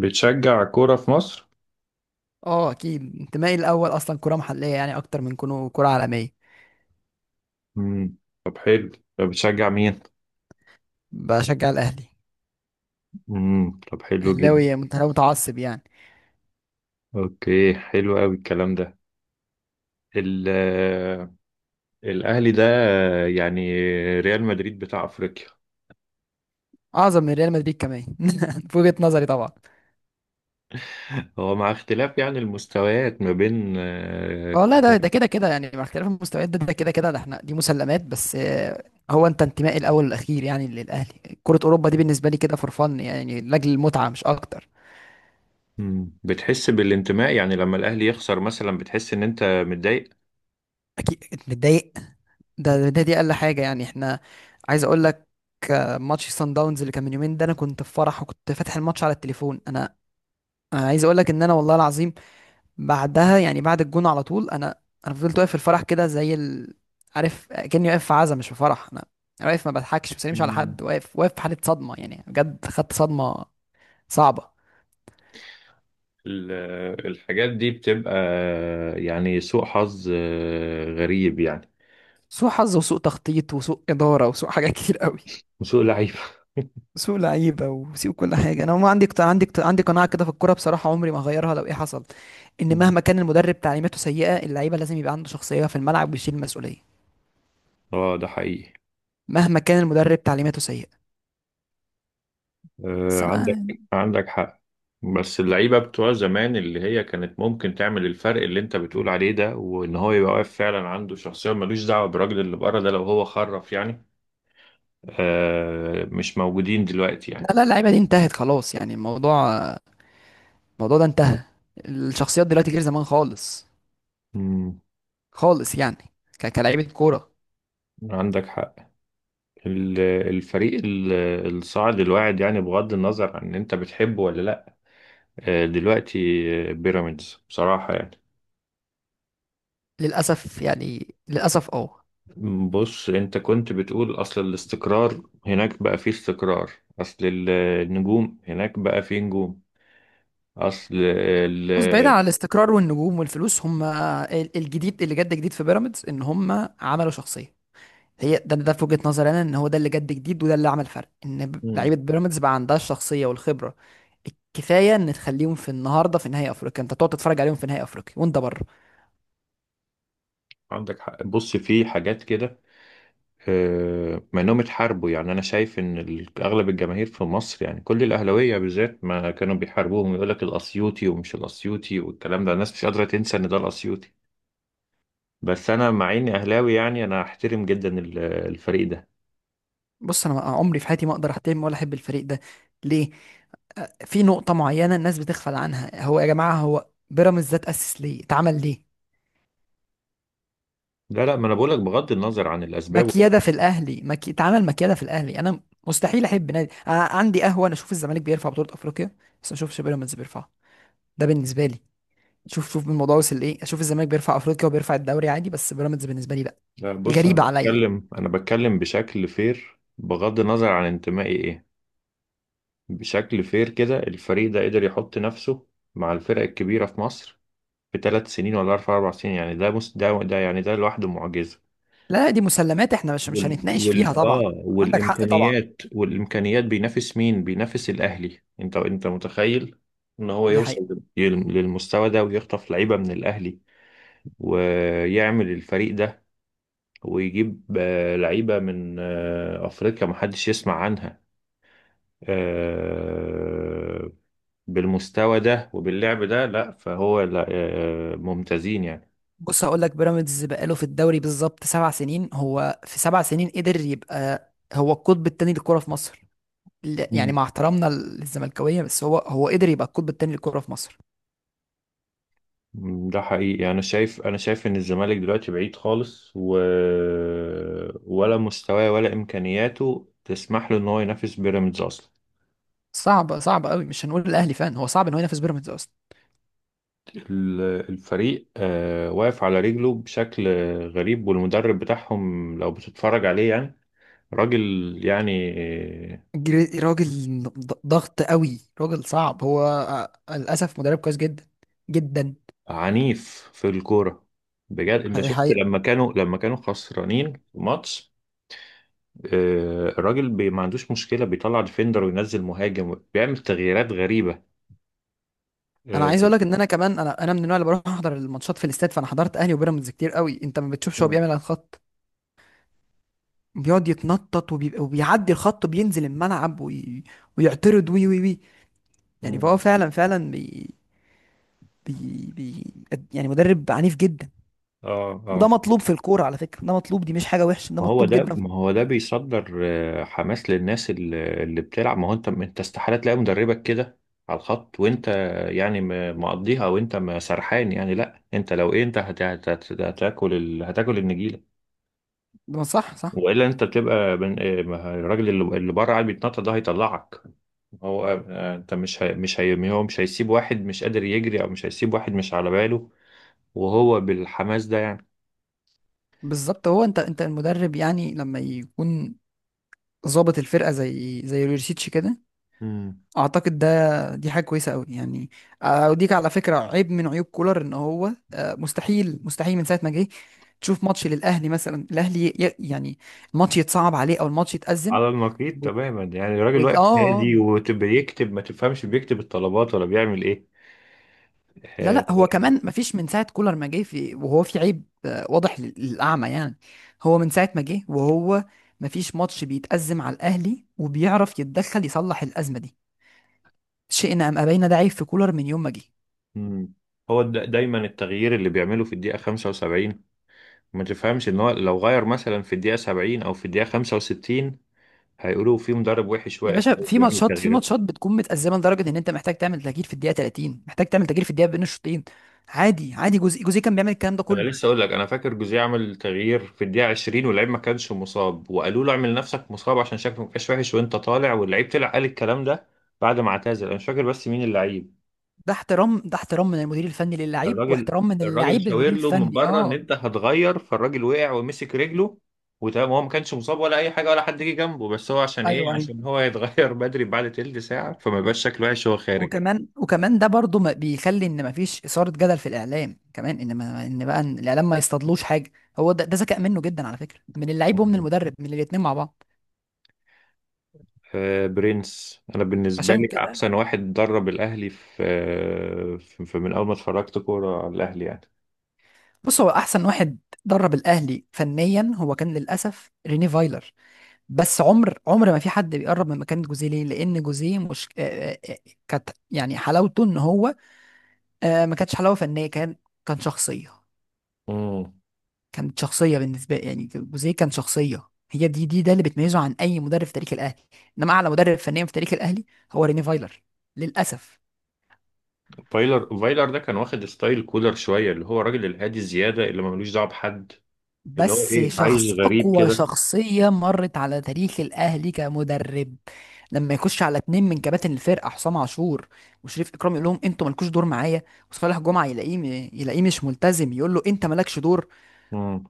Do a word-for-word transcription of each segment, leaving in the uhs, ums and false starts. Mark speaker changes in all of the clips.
Speaker 1: بتشجع كورة في مصر؟
Speaker 2: اه، اكيد انتمائي الاول اصلا كره محليه، يعني اكتر من كونه كره عالميه.
Speaker 1: مم. طب حلو. طب بتشجع مين؟
Speaker 2: بشجع الاهلي.
Speaker 1: مم. طب حلو جدا.
Speaker 2: اهلاوي مت- متعصب يعني.
Speaker 1: اوكي، حلو قوي الكلام ده. ال الأهلي ده يعني ريال مدريد بتاع أفريقيا.
Speaker 2: اعظم من ريال مدريد كمان. في وجهه نظري طبعا.
Speaker 1: هو مع اختلاف يعني المستويات ما بين آه،
Speaker 2: والله
Speaker 1: كو-
Speaker 2: ده ده كده كده يعني، مع اختلاف المستويات ده ده كده كده، ده احنا دي مسلمات. بس آه، هو انت انتمائي الاول والاخير يعني للاهلي. كره اوروبا دي بالنسبه لي كده فور فن، يعني لاجل المتعه مش اكتر.
Speaker 1: مم. بتحس بالانتماء يعني لما الأهلي يخسر مثلا، بتحس إن أنت متضايق؟
Speaker 2: اكيد متضايق. ده ده دي اقل حاجه يعني. احنا عايز اقول لك، آه، ماتش سان داونز اللي كان من يومين ده، انا كنت في فرح وكنت فاتح الماتش على التليفون. انا انا عايز اقول لك ان انا والله العظيم بعدها، يعني بعد الجون على طول، انا انا فضلت واقف في الفرح كده زي ال... عارف، كاني واقف في عزا مش في فرح. انا أنا واقف ما بضحكش، ما بسلمش على
Speaker 1: مم.
Speaker 2: حد، واقف واقف في حاله صدمه يعني، بجد خدت صدمه صعبه.
Speaker 1: ال- الحاجات دي بتبقى يعني سوء حظ آه، غريب يعني،
Speaker 2: سوء حظ وسوء تخطيط وسوء اداره وسوء حاجات كتير قوي.
Speaker 1: وسوء لعيبة.
Speaker 2: سوء لعيبه وسوء كل حاجه. انا ما عندي قط- عندي قط- عندي قناعه كده في الكوره بصراحه، عمري ما هغيرها لو ايه حصل، ان مهما كان المدرب تعليماته سيئه، اللعيبه لازم يبقى عنده شخصيه في الملعب ويشيل المسؤوليه.
Speaker 1: اه، ده حقيقي.
Speaker 2: مهما كان المدرب تعليماته سيئه. بس
Speaker 1: آه،
Speaker 2: انا.
Speaker 1: عندك عندك حق. بس اللعيبة بتوع زمان اللي هي كانت ممكن تعمل الفرق اللي انت بتقول عليه ده، وان هو يبقى واقف فعلا عنده شخصية ملوش دعوة بالراجل اللي بره ده لو هو خرف يعني. آه، مش موجودين دلوقتي
Speaker 2: لا
Speaker 1: يعني.
Speaker 2: لا، اللعيبه دي انتهت خلاص يعني. الموضوع الموضوع ده انتهى. الشخصيات دلوقتي غير زمان خالص.
Speaker 1: مم.
Speaker 2: خالص يعني، ك- كلاعيبه كوره.
Speaker 1: عندك حق. ال- الفريق ال- الصاعد الواعد، يعني بغض النظر عن ان انت بتحبه ولا لا. آه دلوقتي آه، بيراميدز بصراحة يعني.
Speaker 2: للاسف يعني، للاسف اه.
Speaker 1: بص، انت كنت بتقول اصل الاستقرار، هناك بقى فيه استقرار، اصل ال- النجوم، هناك بقى فيه نجوم، اصل ال...
Speaker 2: بص، بعيدا عن الاستقرار والنجوم والفلوس، هم ال- الجديد اللي جد جديد في بيراميدز ان هم عملوا شخصيه. هي ده ده في وجهه نظري انا، ان هو ده اللي جد جديد وده اللي عمل فرق، ان ب-
Speaker 1: مم.
Speaker 2: لعيبه بيراميدز بقى عندها الشخصيه والخبره الكفايه ان تخليهم في النهارده في نهائي افريقيا، انت تقعد تتفرج عليهم في نهائي افريقيا وانت بره.
Speaker 1: عندك حق. بص في حاجات كده آه، ما انهم اتحاربوا يعني، انا شايف ان ال- اغلب الجماهير في مصر يعني كل الاهلاويه بالذات ما كانوا بيحاربوهم. يقول لك الاسيوطي ومش الاسيوطي والكلام ده، الناس مش قادره تنسى ان ده الاسيوطي. بس انا مع اني اهلاوي يعني، انا احترم جدا ال- الفريق ده.
Speaker 2: بص انا عمري في حياتي ما اقدر احترم ولا احب الفريق ده. ليه؟ في نقطه معينه الناس بتغفل عنها. هو يا جماعه هو بيراميدز ده اتاسس ليه، اتعمل ليه؟
Speaker 1: لا لا، ما انا بقول لك بغض النظر عن الاسباب.
Speaker 2: مكيده في الاهلي، مكي... اتعمل مكيده في الاهلي. انا مستحيل احب نادي. أنا عندي قهوه، انا اشوف الزمالك بيرفع بطوله افريقيا بس ما اشوفش بيراميدز بيرفعها. ده بالنسبه لي. شوف شوف الموضوع وصل لايه، اشوف الزمالك بيرفع افريقيا وبيرفع الدوري عادي، بس بيراميدز بالنسبه لي لا.
Speaker 1: لا بص، انا
Speaker 2: غريبه عليا.
Speaker 1: بتكلم انا بتكلم بشكل فير بغض النظر عن انتمائي ايه. بشكل فير كده، الفريق ده قدر يحط نفسه مع الفرق الكبيره في مصر في تلات سنين، ولا اربع اربع سنين يعني. ده مس... ده ده يعني ده لوحده معجزه.
Speaker 2: لا دي مسلمات، احنا مش مش
Speaker 1: وال...
Speaker 2: هنتناقش
Speaker 1: وال...
Speaker 2: فيها طبعا.
Speaker 1: اه
Speaker 2: عندك حق طبعا.
Speaker 1: والامكانيات والامكانيات. بينافس مين؟ بينافس الاهلي؟ انت انت متخيل ان هو
Speaker 2: دي
Speaker 1: يوصل
Speaker 2: حقيقه.
Speaker 1: لل- للمستوى ده، ويخطف لعيبه من الاهلي، ويعمل الفريق ده، ويجيب آه، لعيبة من آه، أفريقيا محدش يسمع عنها آه، بالمستوى ده وباللعب ده. لا، فهو، لا، آه، آه، ممتازين يعني.
Speaker 2: بص هقول لك، بيراميدز بقاله في الدوري بالظبط سبع سنين، هو في سبع سنين قدر يبقى هو القطب الثاني للكرة في مصر. ل- يعني
Speaker 1: مم.
Speaker 2: مع احترامنا للزملكاوية، بس هو هو قدر يبقى القطب الثاني للكرة في مصر.
Speaker 1: ده حقيقي. أنا شايف أنا شايف إن الزمالك دلوقتي بعيد خالص و... ولا مستواه ولا إمكانياته تسمح له إن هو ينافس بيراميدز أصلا.
Speaker 2: صعب، صعب قوي. مش هنقول الاهلي، فان هو صعب ان هو ينافس بيراميدز اصلا.
Speaker 1: ال- الفريق آه، واقف على رجله بشكل غريب، والمدرب بتاعهم لو بتتفرج عليه يعني، راجل يعني،
Speaker 2: جري- راجل ض- ضغط قوي، راجل صعب. هو آه، للاسف مدرب كويس جدا، جدا.
Speaker 1: عنيف في الكورة. بجد، انت شفت
Speaker 2: حقيقي.
Speaker 1: لما كانوا لما كانوا خسرانين في ماتش آه، الراجل بي ما عندوش مشكلة، بيطلع ديفندر وينزل مهاجم، بيعمل تغييرات غريبة.
Speaker 2: انا عايز
Speaker 1: اه.
Speaker 2: اقول لك ان انا كمان، انا انا من النوع اللي بروح احضر الماتشات في الاستاد، فانا حضرت اهلي وبيراميدز كتير قوي. انت ما بتشوفش هو بيعمل على الخط، بيقعد يتنطط وبيبقى وبيعدي الخط بينزل الملعب وي... ويعترض وي وي وي. يعني فهو
Speaker 1: مم.
Speaker 2: فعلا فعلا بي... بي... بي... يعني مدرب عنيف جدا.
Speaker 1: اه. آه.
Speaker 2: وده مطلوب في الكورة على فكرة، ده مطلوب، دي مش حاجة وحشة، ده
Speaker 1: ما هو
Speaker 2: مطلوب
Speaker 1: ده،
Speaker 2: جدا.
Speaker 1: ما هو ده بيصدر آه، حماس للناس اللي اللي بتلعب. ما هو انت، انت استحالة تلاقي مدربك كده على الخط، وانت يعني م- مقضيها وانت ما سرحان. يعني لا، انت لو ايه، انت هت- هت- هت- هتاكل ال... هتاكل النجيلة،
Speaker 2: ما صح صح.
Speaker 1: والا انت بتبقى بن... آه، ما الراجل اللي اللي بره قاعد بيتنطط ده هيطلعك. هو آه، انت مش هي... مش هي... هو مش هيسيب واحد مش قادر يجري، او مش هيسيب واحد مش على باله وهو بالحماس ده يعني.
Speaker 2: بالظبط، هو انت انت المدرب يعني لما يكون ظابط الفرقه زي زي ريوشيتش كده،
Speaker 1: امم
Speaker 2: اعتقد ده دي حاجه كويسه قوي يعني. اوديك على فكره، عيب من عيوب كولر ان هو، آه، مستحيل مستحيل من ساعه ما جه تشوف ماتش للاهلي مثلا الاهلي ي- يعني الماتش يتصعب عليه او الماتش يتأزم.
Speaker 1: على النقيض
Speaker 2: و...
Speaker 1: تماما يعني،
Speaker 2: و...
Speaker 1: الراجل
Speaker 2: اه.
Speaker 1: واقف
Speaker 2: آه.
Speaker 1: هادي وبيكتب، ما تفهمش بيكتب الطلبات ولا بيعمل ايه.
Speaker 2: لا
Speaker 1: آه،
Speaker 2: لا، هو كمان ما فيش من ساعه كولر ما جه، في وهو في عيب آه، واضح لل- للاعمى يعني. هو من ساعه ما جه وهو ما فيش ماتش بيتأزم على الاهلي وبيعرف يتدخل يصلح الازمه دي. شئنا ام ابينا، ده عيب في كولر من يوم ما جه.
Speaker 1: مم. هو دا- دايما التغيير اللي بيعمله في الدقيقة خمسة وسبعين، ما تفهمش ان هو لو غير مثلا في الدقيقة سبعين او في الدقيقة خمسة وستين، هيقولوا في مدرب وحش
Speaker 2: يا
Speaker 1: واقف
Speaker 2: باشا،
Speaker 1: هو
Speaker 2: في
Speaker 1: بيعمل
Speaker 2: ماتشات في
Speaker 1: تغييرات.
Speaker 2: ماتشات بتكون متأزمة لدرجة ان انت محتاج تعمل تغيير في الدقيقة ثلاثين، محتاج تعمل تغيير في الدقيقة بين الشوطين. عادي، عادي. جوزي جوزي كان بيعمل الكلام ده
Speaker 1: انا
Speaker 2: كله.
Speaker 1: لسه اقول لك، انا فاكر جوزيه عمل تغيير في الدقيقه عشرين واللعيب ما كانش مصاب، وقالوا له اعمل نفسك مصاب عشان شكلك ما بقاش وحش وانت طالع، واللعيب طلع قال الكلام ده بعد ما اعتزل، انا مش فاكر بس مين اللعيب.
Speaker 2: ده احترام ده احترام من المدير الفني للاعيب،
Speaker 1: الراجل،
Speaker 2: واحترام من
Speaker 1: الراجل
Speaker 2: اللاعب
Speaker 1: شاور
Speaker 2: للمدير
Speaker 1: له من
Speaker 2: الفني
Speaker 1: بره ان
Speaker 2: اه.
Speaker 1: انت هتغير، فالراجل وقع ومسك رجله. وتمام، هو ما كانش مصاب ولا اي حاجه، ولا حد جه جنبه، بس هو عشان ايه؟
Speaker 2: ايوه، ايوه.
Speaker 1: عشان هو يتغير بدري بعد تلت ساعه، فما يبقاش شكله وحش وهو خارج.
Speaker 2: وكمان، وكمان ده برضو ما بيخلي ان ما فيش إثارة جدل في الاعلام كمان، ان ما ان بقى إن الاعلام ما يصطادلوش حاجة. هو ده، ده ذكاء منه جدا على فكرة، من اللعيب ومن المدرب، من الاتنين مع بعض.
Speaker 1: آه، برنس. انا بالنسبه
Speaker 2: عشان
Speaker 1: لي
Speaker 2: كده.
Speaker 1: احسن واحد درب الاهلي في آه، في في- من اول ما اتفرجت كوره على الاهلي يعني.
Speaker 2: بص هو احسن واحد درب الاهلي فنيا، هو كان للاسف ريني فايلر. بس عمر عمر ما في حد بيقرب من مكانة جوزيه. ليه؟ لأن جوزيه مش، آه، آه، آه، كانت يعني حلاوته إن هو، آه، ما كانتش حلاوة فنية، كان كان شخصية.
Speaker 1: امم.
Speaker 2: كانت شخصية بالنسبة يعني. جوزيه كان شخصية، هي دي دي ده اللي بتميزه عن أي مدرب في تاريخ الأهلي. إنما أعلى مدرب فنيا في تاريخ الأهلي هو ريني فايلر، للأسف.
Speaker 1: فايلر، فايلر ده كان واخد ستايل كولر شويه، اللي هو الراجل الهادي زياده اللي ما ملوش دعوه بحد، اللي هو
Speaker 2: بس
Speaker 1: ايه، عايش
Speaker 2: شخص،
Speaker 1: غريب
Speaker 2: أقوى
Speaker 1: كده.
Speaker 2: شخصية مرت على تاريخ الأهلي كمدرب. لما يخش على اتنين من كباتن الفرقة، حسام عاشور وشريف إكرام، يقول لهم أنتوا مالكوش دور معايا. وصالح جمعة يلاقيه م- يلاقيه مش ملتزم، يقول له أنت مالكش دور.
Speaker 1: امم،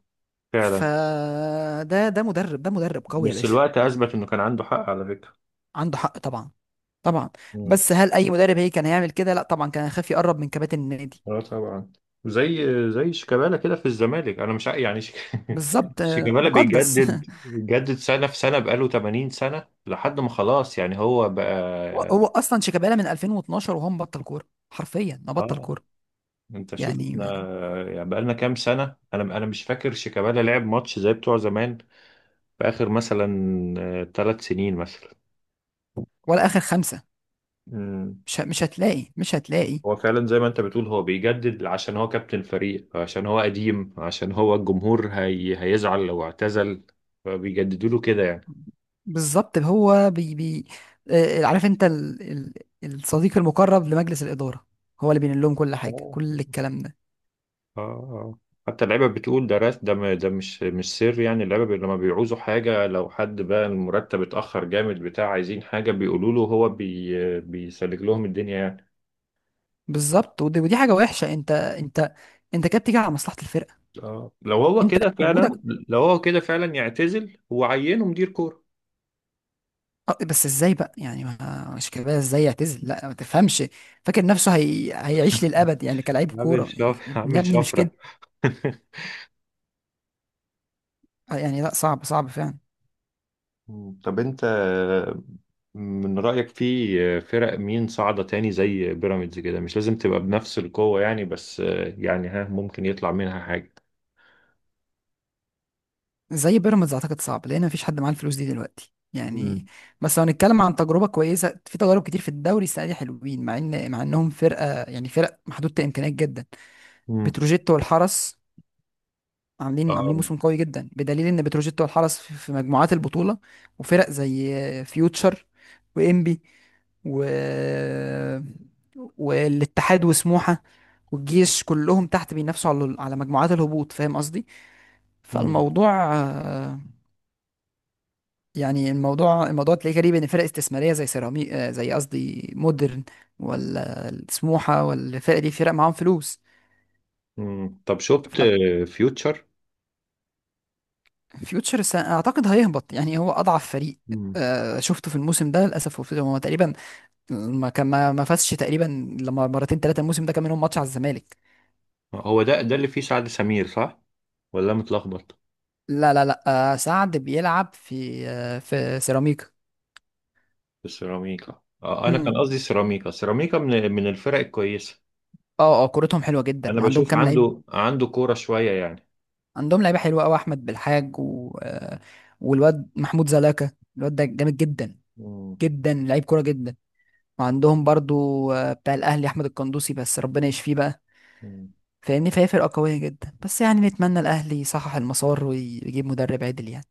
Speaker 1: فعلا.
Speaker 2: فده ده مدرب، ده مدرب قوي يا
Speaker 1: بس
Speaker 2: باشا.
Speaker 1: الوقت اثبت انه كان عنده حق على فكره.
Speaker 2: عنده حق طبعا. طبعا.
Speaker 1: مم.
Speaker 2: بس هل أي مدرب هي كان هيعمل كده؟ لا طبعا، كان هيخاف يقرب من كباتن النادي.
Speaker 1: اه، طبعا. زي زي شيكابالا كده في الزمالك، انا مش ع- يعني شيك-
Speaker 2: بالظبط. آه،
Speaker 1: شيكابالا
Speaker 2: مقدس.
Speaker 1: بيجدد بيجدد سنه في سنه، بقاله ثمانين سنه لحد ما خلاص يعني هو
Speaker 2: هو
Speaker 1: بقى.
Speaker 2: هو أصلا شيكابالا من ألفين واثنا عشر وهو مبطل كورة، حرفيا ما بطل
Speaker 1: اه.
Speaker 2: كورة
Speaker 1: انت شوف
Speaker 2: يعني.
Speaker 1: احنا يعني، بقالنا كام سنه؟ انا انا مش فاكر شيكابالا لعب ماتش زي بتوع زمان في اخر مثلا تلات سنين مثلا.
Speaker 2: ولا اخر خمسه.
Speaker 1: مم.
Speaker 2: مش ه- مش هتلاقي مش هتلاقي.
Speaker 1: هو فعلا زي ما انت بتقول، هو بيجدد عشان هو كابتن فريق، عشان هو قديم، عشان هو الجمهور هي... هيزعل لو اعتزل، فبيجددوا له كده يعني.
Speaker 2: بالظبط هو بي بي آه، عارف انت ال... ال... الصديق المقرب لمجلس الاداره، هو اللي بينقل لهم كل حاجه،
Speaker 1: اه،
Speaker 2: كل الكلام ده.
Speaker 1: اه، اه. حتى اللعيبه بتقول ده راس، ده م- ده مش مش سر يعني. اللعيبه بي- لما بيعوزوا حاجه، لو حد بقى المرتب اتاخر جامد بتاع، عايزين حاجه بيقولوا له، هو بي بيسلك لهم الدنيا يعني.
Speaker 2: بالظبط. ودي, ودي حاجه وحشه. انت انت، انت كده بتيجي على مصلحه الفرقه،
Speaker 1: اه، لو هو كده
Speaker 2: انت
Speaker 1: فعلا
Speaker 2: وجودك.
Speaker 1: لو هو كده فعلا يعتزل وعينه مدير كوره.
Speaker 2: آه، بس ازاي بقى يعني؟ ما مش كده، ازاي يعتزل؟ لا ما تفهمش، فاكر نفسه هي... هيعيش للابد يعني كلاعب
Speaker 1: عامل
Speaker 2: كوره.
Speaker 1: شف...
Speaker 2: يا ابني يا
Speaker 1: عامل
Speaker 2: ابني مش كده
Speaker 1: شفره.
Speaker 2: يعني. لا صعب، صعب فعلا.
Speaker 1: طب انت، من رأيك في فرق مين صاعدة تاني زي بيراميدز كده، مش لازم تبقى بنفس القوة يعني، بس يعني ها، ممكن يطلع منها حاجة.
Speaker 2: زي بيراميدز اعتقد صعب، لان مفيش حد معاه الفلوس دي دلوقتي يعني.
Speaker 1: مم.
Speaker 2: بس لو هنتكلم عن تجربه كويسه، في تجارب كتير في الدوري السنه دي حلوين، مع ان مع انهم فرقه يعني، فرق محدوده الامكانيات جدا.
Speaker 1: مم.
Speaker 2: بتروجيت والحرس عاملين عاملين
Speaker 1: اه.
Speaker 2: موسم قوي جدا، بدليل ان بتروجيت والحرس في في مجموعات البطوله. وفرق زي فيوتشر وانبي و والاتحاد وسموحه والجيش كلهم تحت، بينافسوا على على مجموعات الهبوط، فاهم قصدي.
Speaker 1: مم.
Speaker 2: فالموضوع يعني، الموضوع الموضوع تلاقيه غريب، ان فرق استثماريه زي سيراميك، آه، زي قصدي مودرن ولا سموحه ولا الفرق دي، فرق معاهم فلوس.
Speaker 1: مم. طب شفت فيوتشر؟
Speaker 2: ففيوتشر س- اعتقد هيهبط يعني، هو اضعف فريق آه، شفته في الموسم ده للاسف. هو هو تقريبا ما كان، ما ما فازش تقريبا لما مرتين ثلاثه الموسم ده، كان منهم ماتش على الزمالك.
Speaker 1: هو ده، ده اللي فيه سعد سمير صح، ولا متلخبط؟
Speaker 2: لا لا لا، آه، سعد بيلعب في آه، في سيراميكا.
Speaker 1: في السيراميكا، آه، انا
Speaker 2: امم.
Speaker 1: كان قصدي سيراميكا، سيراميكا من من الفرق الكويسه.
Speaker 2: اه اه، كورتهم حلوه جدا
Speaker 1: انا
Speaker 2: وعندهم
Speaker 1: بشوف
Speaker 2: كام لعيب.
Speaker 1: عنده عنده كوره شويه يعني.
Speaker 2: عندهم لعيبه حلوه قوي، احمد بالحاج و... آه، والواد محمود زلاكا، الواد ده جامد جدا،
Speaker 1: مم.
Speaker 2: جدا لعيب كوره جدا. وعندهم برضو آه، بتاع الاهلي احمد القندوسي، بس ربنا يشفيه بقى.
Speaker 1: مم.
Speaker 2: فاهمني، فهي فرقه قويه جدا، بس يعني نتمنى الاهلي يصحح المسار ويجيب مدرب عدل يعني.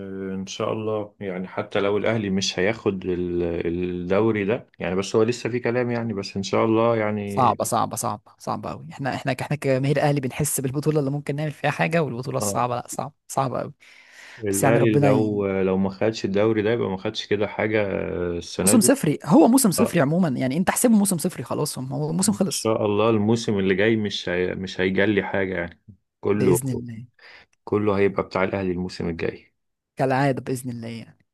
Speaker 1: آه، ان شاء الله يعني، حتى لو الاهلي مش هياخد ال- الدوري ده يعني، بس هو لسه في كلام يعني، بس ان شاء الله يعني.
Speaker 2: صعبه، صعبه صعبه صعبه قوي. احنا، احنا احنا كجماهير اهلي بنحس بالبطوله اللي ممكن نعمل فيها حاجه، والبطوله
Speaker 1: اه.
Speaker 2: الصعبه لا، صعبه صعبه قوي. بس يعني
Speaker 1: الاهلي
Speaker 2: ربنا ي...
Speaker 1: لو لو ما خدش الدوري ده يبقى ما خدش كده حاجه السنه
Speaker 2: موسم
Speaker 1: دي.
Speaker 2: صفري، هو موسم
Speaker 1: آه،
Speaker 2: صفري عموما يعني، انت احسبه موسم صفري خلاص، هم- هو الموسم
Speaker 1: ان
Speaker 2: خلص.
Speaker 1: شاء الله الموسم اللي جاي مش هي... مش هيجلي حاجة يعني. كله،
Speaker 2: بإذن الله.
Speaker 1: كله هيبقى بتاع الاهلي الموسم الجاي.
Speaker 2: كالعادة بإذن الله يعني.